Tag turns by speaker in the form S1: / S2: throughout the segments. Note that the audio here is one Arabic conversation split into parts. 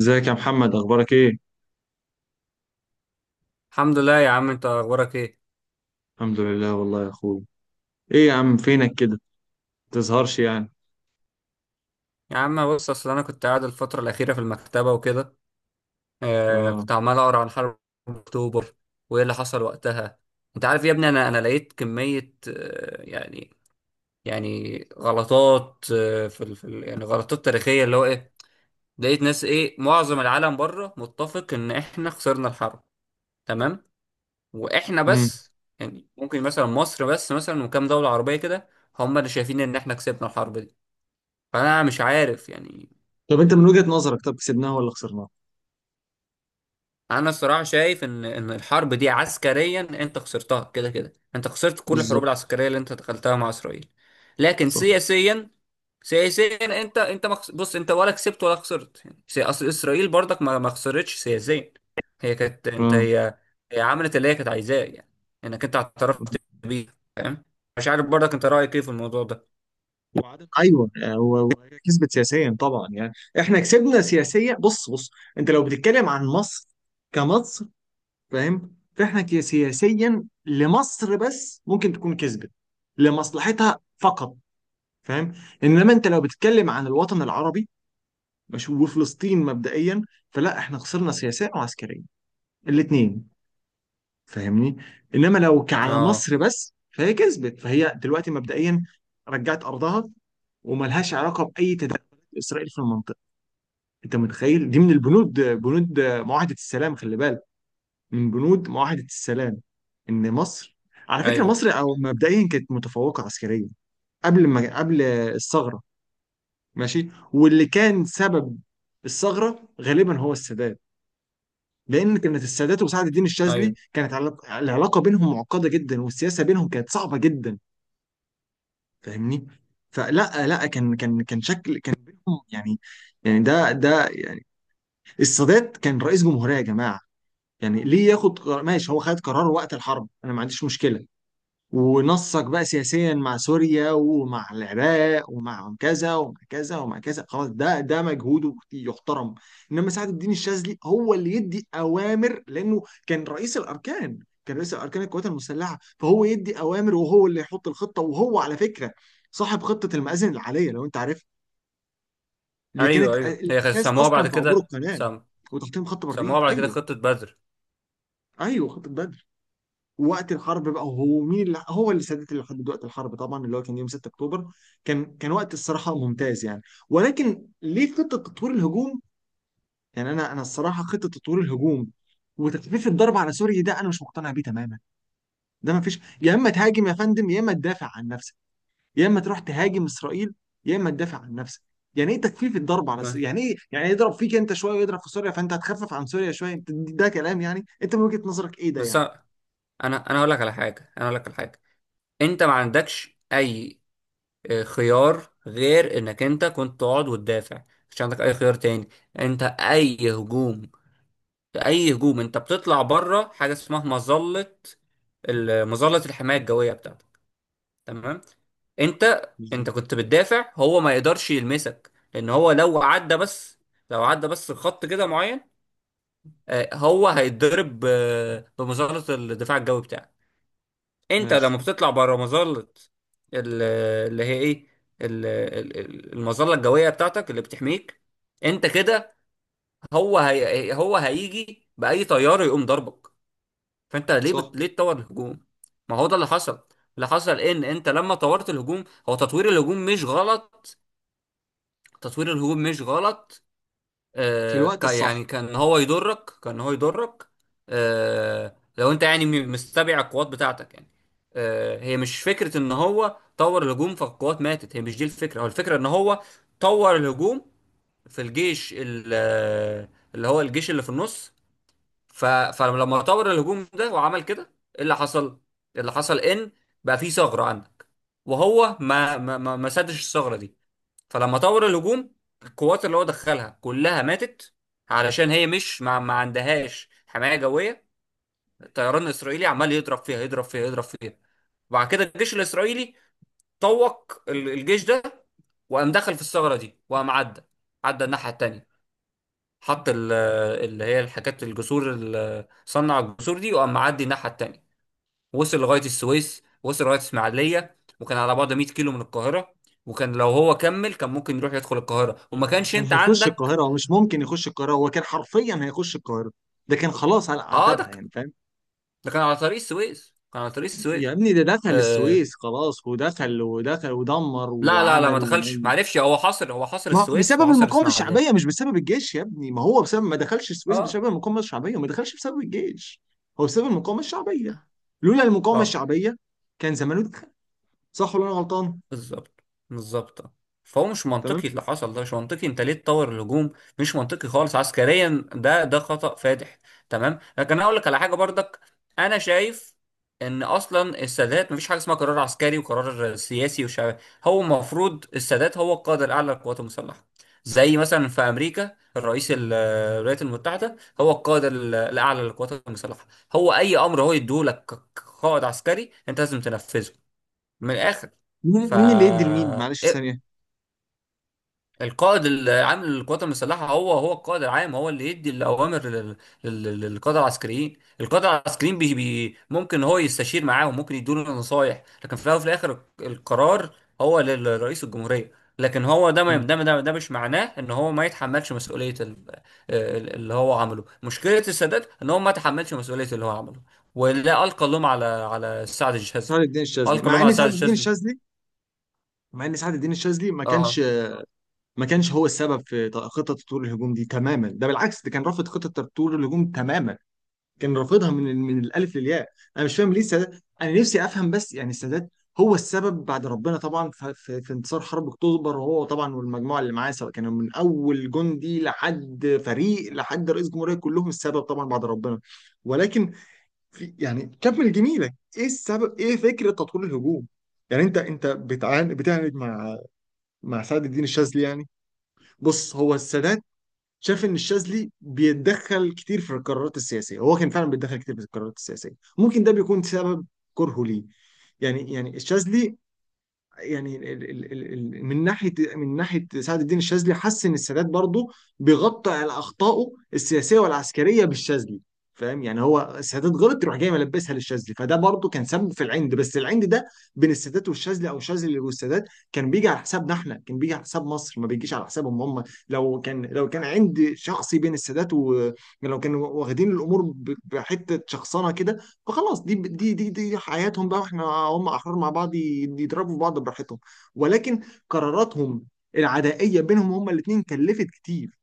S1: ازيك يا محمد، اخبارك ايه؟
S2: الحمد لله يا عم، انت اخبارك ايه؟
S1: الحمد لله والله يا اخويا. ايه يا عم، فينك كده؟ متظهرش يعني.
S2: يا عم بص، اصل انا كنت قاعد الفتره الاخيره في المكتبه وكده.
S1: اه.
S2: كنت عمال اقرا عن حرب اكتوبر وايه اللي حصل وقتها. انت عارف يا ابني، انا لقيت كميه، يعني غلطات، في ال في ال يعني غلطات تاريخيه اللي هو ايه. لقيت ناس، ايه، معظم العالم بره متفق ان احنا خسرنا الحرب. تمام. واحنا
S1: امم
S2: بس يعني ممكن مثلا مصر بس مثلا، وكام دوله عربيه كده هم اللي شايفين ان احنا كسبنا الحرب دي. فانا مش عارف يعني.
S1: طب انت من وجهة نظرك، طب كسبناها ولا خسرناها؟
S2: انا الصراحه شايف ان الحرب دي عسكريا انت خسرتها، كده كده انت خسرت كل الحروب
S1: بالظبط.
S2: العسكريه اللي انت دخلتها مع اسرائيل. لكن
S1: صح.
S2: سياسيا، سياسيا انت بص، انت ولا كسبت ولا خسرت يعني، اصل اسرائيل برضك ما خسرتش سياسيا. هي كانت انت
S1: اه.
S2: هي هي عملت اللي هي كانت عايزاه يعني، انك انت اعترفت بيه، فاهم. مش عارف برضك انت رايك ايه في الموضوع ده.
S1: ايوه، وهي كسبت سياسيا طبعا يعني. احنا كسبنا سياسيا. بص بص، انت لو بتتكلم عن مصر، كمصر، فاهم. فاحنا سياسيا لمصر بس ممكن تكون كسبت لمصلحتها فقط. فاهم. انما انت لو بتتكلم عن الوطن العربي مش وفلسطين مبدئيا، فلا احنا خسرنا سياسيا وعسكريا، الاثنين. فاهمني. انما لو على
S2: اه،
S1: مصر بس فهي كسبت، فهي دلوقتي مبدئيا رجعت ارضها، وملهاش علاقه باي تدخلات اسرائيل في المنطقه. انت متخيل دي من البنود، بنود معاهده السلام؟ خلي بالك من بنود معاهده السلام ان مصر، على فكره
S2: ايوه،
S1: مصر او مبدئيا كانت متفوقه عسكريا قبل ما قبل الثغره. ماشي، واللي كان سبب الثغره غالبا هو السادات، لان كانت السادات وسعد الدين الشاذلي
S2: ايوه،
S1: كانت العلاقه بينهم معقده جدا، والسياسه بينهم كانت صعبه جدا. فاهمني. فلا لا كان شكل كان بينهم يعني، يعني ده يعني السادات كان رئيس جمهوريه يا جماعه، يعني ليه ياخد قرار؟ ماشي، هو خد قرار وقت الحرب، انا ما عنديش مشكله، ونصك بقى سياسيا مع سوريا ومع العراق ومع كذا ومع كذا ومع كذا، خلاص، ده مجهوده يحترم. انما سعد الدين الشاذلي هو اللي يدي اوامر لانه كان رئيس الاركان، كان رئيس الاركان القوات المسلحه، فهو يدي اوامر وهو اللي يحط الخطه، وهو على فكره صاحب خطه المآذن العاليه لو انت عارف، اللي
S2: ايوه،
S1: كانت
S2: ايوه. هي
S1: الاساس
S2: سموها بعد
S1: اصلا في عبور
S2: كده
S1: القناه وتحطيم خط بارليف.
S2: سموها بعد كده
S1: ايوه.
S2: خطه بدر.
S1: ايوه، خطه بدر. وقت الحرب بقى، هو مين اللي سادات اللي حدد وقت الحرب طبعا، اللي هو كان يوم 6 اكتوبر. كان وقت الصراحه ممتاز يعني، ولكن ليه خطه تطوير الهجوم؟ يعني انا الصراحه، خطه تطوير الهجوم وتخفيف الضرب على سوريا، ده انا مش مقتنع بيه تماما. ده ما فيش، يا اما تهاجم يا فندم يا اما تدافع عن نفسك، يا اما تروح تهاجم اسرائيل يا اما تدافع عن نفسك. يعني ايه تخفيف الضرب على
S2: آه،
S1: سوريا؟ يعني ايه، يعني يضرب فيك انت شويه ويضرب في سوريا فانت هتخفف عن سوريا شويه؟ ده كلام؟ يعني انت من وجهه نظرك ايه ده
S2: بس
S1: يعني؟
S2: انا اقول لك على حاجه، انا اقول لك على حاجه. انت ما عندكش اي، خيار غير انك انت كنت تقعد وتدافع. مش عندك اي خيار تاني. انت اي هجوم انت بتطلع بره حاجه اسمها مظله، مظله الحمايه الجويه بتاعتك. تمام. انت
S1: بالظبط.
S2: انت كنت بتدافع، هو ما يقدرش يلمسك، لان هو لو عدى بس لو عدى بس خط كده معين، هو هيتضرب، بمظله الدفاع الجوي بتاعك. انت لما
S1: ماشي.
S2: بتطلع بره مظله ال- اللي هي ايه ال- ال- ال- المظله الجويه بتاعتك اللي بتحميك انت كده، هو هيجي باي طياره يقوم ضربك. فانت
S1: صح.
S2: ليه تطور الهجوم؟ ما هو ده اللي حصل. اللي حصل ان انت لما طورت الهجوم، هو تطوير الهجوم مش غلط تطوير الهجوم مش غلط.
S1: في
S2: آه،
S1: الوقت
S2: ك-
S1: الصح.
S2: يعني كان هو يضرك، كان هو يضرك. لو انت يعني، مستبع القوات بتاعتك يعني. هي مش فكرة ان هو طور الهجوم فالقوات ماتت هي مش دي الفكرة هو الفكرة ان هو طور الهجوم في الجيش، اللي هو الجيش اللي في النص. فلما طور الهجوم ده وعمل كده، ايه اللي حصل؟ إيه اللي حصل؟ ان بقى في ثغرة عندك، وهو ما سدش الثغرة دي. فلما طور الهجوم، القوات اللي هو دخلها كلها ماتت، علشان هي مش ما عندهاش حماية جوية. الطيران الإسرائيلي عمال يضرب فيها يضرب فيها. وبعد كده الجيش الإسرائيلي طوق الجيش ده، وقام دخل في الثغرة دي، وقام عدى الناحية التانية. حط ال- اللي هي الحاجات الجسور، صنع الجسور دي، وقام معدي الناحية التانية. وصل لغايه السويس، وصل لغايه اسماعيليه، وكان على بعد 100 كيلو من القاهره. وكان لو هو كمل كان ممكن يروح يدخل القاهره، وما كانش
S1: كان
S2: انت
S1: هيخش
S2: عندك.
S1: القاهرة، هو مش ممكن يخش القاهرة، هو كان حرفيا هيخش القاهرة، ده كان خلاص على
S2: اه،
S1: عتبها يعني، فاهم.
S2: ده كان على طريق السويس، كان على طريق
S1: يا
S2: السويس
S1: ابني ده دخل
S2: آه،
S1: السويس خلاص، ودخل ودخل ودمر
S2: لا لا لا، ما
S1: وعمل
S2: دخلش، ما
S1: ونيل.
S2: عرفش. هو حاصر
S1: ما بسبب
S2: السويس وحاصر
S1: المقاومة
S2: اسماعيليه.
S1: الشعبية، مش بسبب الجيش يا ابني، ما هو بسبب ما دخلش السويس
S2: اه،
S1: بسبب المقاومة الشعبية، وما دخلش بسبب الجيش. هو بسبب المقاومة الشعبية، لولا المقاومة
S2: اه،
S1: الشعبية كان زمانه دخل. صح ولا انا غلطان؟
S2: بالظبط، بالظبط. فهو مش
S1: تمام.
S2: منطقي، اللي حصل ده مش منطقي. انت ليه تطور الهجوم؟ مش منطقي خالص عسكريا، ده ده خطأ فادح. تمام. لكن انا اقول لك على حاجه برضك، انا شايف ان اصلا السادات مفيش حاجه اسمها قرار عسكري وقرار سياسي وشعبي. هو المفروض السادات هو القائد الاعلى للقوات المسلحه، زي مثلا في امريكا الرئيس الولايات المتحده هو القائد الاعلى للقوات المسلحه. هو اي امر هو يديه لك كقائد عسكري انت لازم تنفذه من الاخر.
S1: مين
S2: ف
S1: مين اللي يدي لمين؟ معلش
S2: إيه؟
S1: ثانية.
S2: القائد العام للقوات المسلحه، هو القائد العام هو اللي يدي الاوامر للقاده العسكريين. القاده العسكريين بي بي ممكن هو يستشير معاهم، ممكن يدوا له نصايح، لكن في الاول وفي الاخر القرار هو لرئيس الجمهوريه. لكن هو ده، ما
S1: مم.
S2: ده ده ده مش معناه ان هو ما يتحملش مسؤوليه اللي هو عمله. مشكله السادات ان هو ما تحملش مسؤوليه اللي هو عمله، ولا القى اللوم على سعد الشاذلي،
S1: سعد الدين الشاذلي
S2: القى
S1: مع
S2: اللوم على
S1: ان
S2: سعد
S1: سعد الدين
S2: الشاذلي.
S1: الشاذلي مع ان سعد الدين الشاذلي ما كانش،
S2: اه.
S1: ما كانش هو السبب في خطه تطوير الهجوم دي تماما، ده بالعكس ده كان رافض خطه تطوير الهجوم تماما، كان رافضها من الالف للياء. انا مش فاهم ليه السادات، انا نفسي افهم بس يعني السادات هو السبب بعد ربنا طبعا في انتصار حرب اكتوبر، هو طبعا والمجموعه اللي معاه، سواء كانوا من اول جندي لحد فريق لحد رئيس جمهوريه، كلهم السبب طبعا بعد ربنا. ولكن في يعني كمل جميلك، ايه السبب، ايه فكره تطوير الهجوم؟ يعني انت بتعاند مع مع سعد الدين الشاذلي يعني. بص، هو السادات شاف ان الشاذلي بيتدخل كتير في القرارات السياسيه، هو كان فعلا بيتدخل كتير في القرارات السياسيه، ممكن ده بيكون سبب كرهه ليه. يعني الشاذلي يعني من ناحيه سعد الدين الشاذلي حس ان السادات برضه بيغطي على اخطائه السياسيه والعسكريه بالشاذلي، فاهم؟ يعني هو السادات غلط يروح جاي ملبسها للشاذلي، فده برضه كان سبب في العند. بس العند ده بين السادات والشاذلي او الشاذلي والسادات كان بيجي على حسابنا احنا، كان بيجي على حساب مصر، ما بيجيش على حسابهم هم. لو كان عند شخصي بين السادات و، لو كانوا واخدين الامور بحته شخصنه كده، فخلاص دي حياتهم بقى، واحنا هم احرار مع بعض، يضربوا في بعض براحتهم. ولكن قراراتهم العدائيه بينهم هم الاثنين كلفت كتير،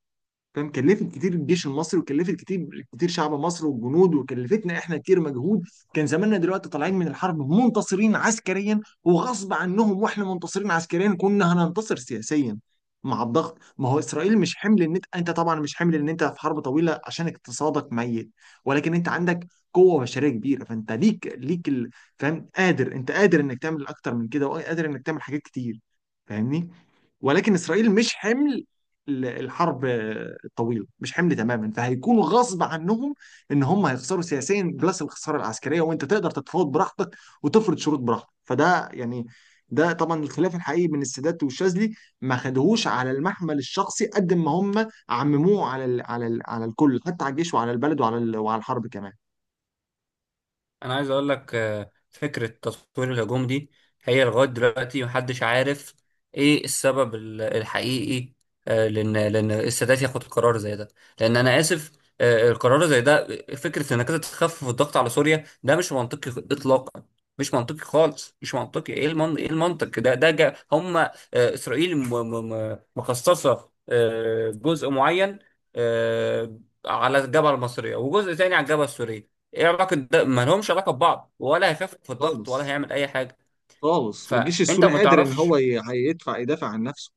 S1: فاهم، كلفت كتير الجيش المصري، وكلفت كتير كتير شعب مصر والجنود، وكلفتنا احنا كتير مجهود. كان زماننا دلوقتي طالعين من الحرب منتصرين عسكريا، وغصب عنهم واحنا منتصرين عسكريا كنا هننتصر سياسيا مع الضغط. ما هو اسرائيل مش حمل ان انت طبعا مش حمل ان انت في حرب طويله عشان اقتصادك ميت، ولكن انت عندك قوه بشريه كبيره، فانت ليك فاهم، قادر، انت قادر انك تعمل اكتر من كده، وقادر انك تعمل حاجات كتير، فاهمني. ولكن اسرائيل مش حمل الحرب الطويله، مش حمل تماما، فهيكونوا غصب عنهم ان هم هيخسروا سياسيا بلس الخساره العسكريه، وانت تقدر تتفاوض براحتك، وتفرض شروط براحتك، فده يعني، ده طبعا الخلاف الحقيقي بين السادات والشاذلي. ما خدوهوش على المحمل الشخصي، قد ما هم عمموه على الكل، حتى على الجيش وعلى البلد وعلى الحرب كمان.
S2: انا عايز اقول لك، فكره تطوير الهجوم دي، هي لغايه دلوقتي محدش عارف ايه السبب الحقيقي. لان السادات ياخد قرار زي ده، لان انا اسف، القرار زي ده، فكره انك انت تخفف الضغط على سوريا، ده مش منطقي اطلاقا. مش منطقي خالص، مش منطقي. ايه ايه المنطق ده؟ ده جا هم، اسرائيل مخصصه، جزء معين، آه، على الجبهه المصريه، وجزء تاني على الجبهه السوريه. ايه علاقه ده؟ ما لهمش علاقه ببعض، ولا هيخفف في الضغط ولا
S1: خالص.
S2: هيعمل اي حاجه.
S1: خالص، والجيش
S2: فانت
S1: السوري
S2: ما
S1: قادر ان
S2: تعرفش.
S1: هو ي- هيدفع يدافع عن نفسه.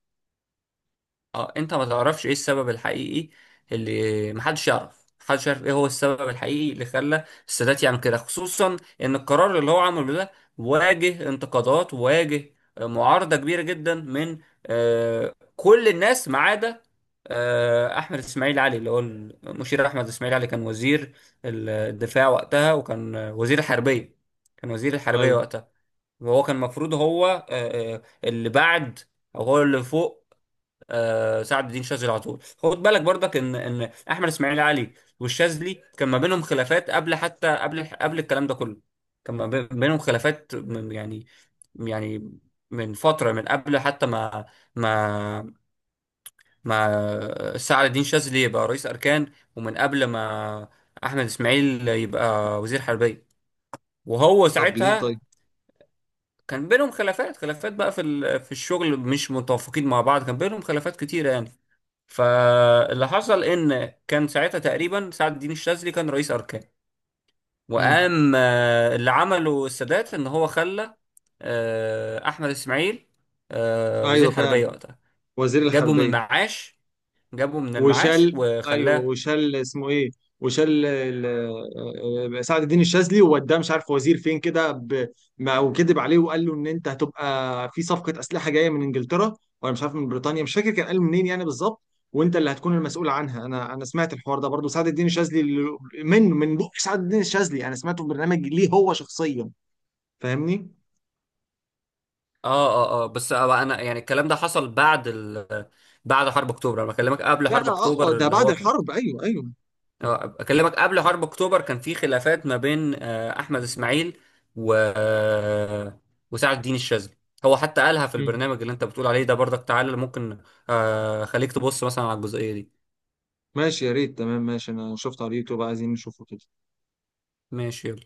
S2: اه، انت ما تعرفش ايه السبب الحقيقي، اللي محدش يعرف، محدش يعرف ايه هو السبب الحقيقي اللي خلى السادات يعمل كده، خصوصا ان القرار اللي هو عمله ده واجه انتقادات، واجه معارضة كبيرة جدا من كل الناس ما عدا احمد اسماعيل علي. اللي هو المشير احمد اسماعيل علي كان وزير الدفاع وقتها، وكان وزير الحربية، كان وزير الحربية
S1: ايوه.
S2: وقتها. وهو كان المفروض هو، اللي بعد او هو اللي فوق سعد الدين شاذلي على طول. خد بالك برضك ان احمد اسماعيل علي والشاذلي كان ما بينهم خلافات قبل، حتى قبل الكلام ده كله. كان ما بينهم خلافات من يعني، يعني من فتره، من قبل حتى ما ما سعد الدين شاذلي يبقى رئيس اركان، ومن قبل ما احمد اسماعيل يبقى وزير حربيه، وهو
S1: طب ليه؟ طيب.
S2: ساعتها كان بينهم خلافات. خلافات بقى في في الشغل، مش متوافقين مع بعض، كان بينهم خلافات كتيرة يعني. فاللي حصل ان كان ساعتها تقريبا سعد الدين الشاذلي كان رئيس اركان،
S1: امم
S2: وقام، اللي عمله السادات ان هو خلى احمد اسماعيل
S1: ايوه
S2: وزير
S1: فعلا.
S2: حربيه وقتها.
S1: وزير
S2: جابه من
S1: الحربيه.
S2: المعاش، جابه من المعاش
S1: وشال. ايوه،
S2: وخلاه.
S1: وشال اسمه ايه؟ وشال سعد الدين الشاذلي ووداه مش عارف وزير فين كده، وكذب عليه وقال له ان انت هتبقى في صفقه اسلحه جايه من انجلترا، ولا مش عارف من بريطانيا، مش فاكر كان قال منين يعني بالظبط، وانت اللي هتكون المسؤول عنها. انا سمعت الحوار ده برضو، سعد الدين الشاذلي من بق سعد الدين الشاذلي، انا سمعته في برنامج ليه هو شخصيا. فاهمني؟
S2: اه بس، انا يعني الكلام ده حصل بعد بعد حرب اكتوبر، انا بكلمك قبل
S1: لا،
S2: حرب
S1: اه،
S2: اكتوبر
S1: ده
S2: اللي
S1: بعد
S2: هو كان.
S1: الحرب. ايوه ايوه.
S2: اه، اكلمك قبل حرب اكتوبر كان في خلافات ما بين احمد اسماعيل و وسعد الدين الشاذلي. هو حتى قالها في
S1: مم.
S2: البرنامج اللي انت بتقول عليه ده برضك. تعالى ممكن، خليك تبص مثلا على الجزئية دي.
S1: ماشي، يا ريت. تمام ماشي، انا شفت على اليوتيوب، عايزين نشوفه كده.
S2: ماشي يلا.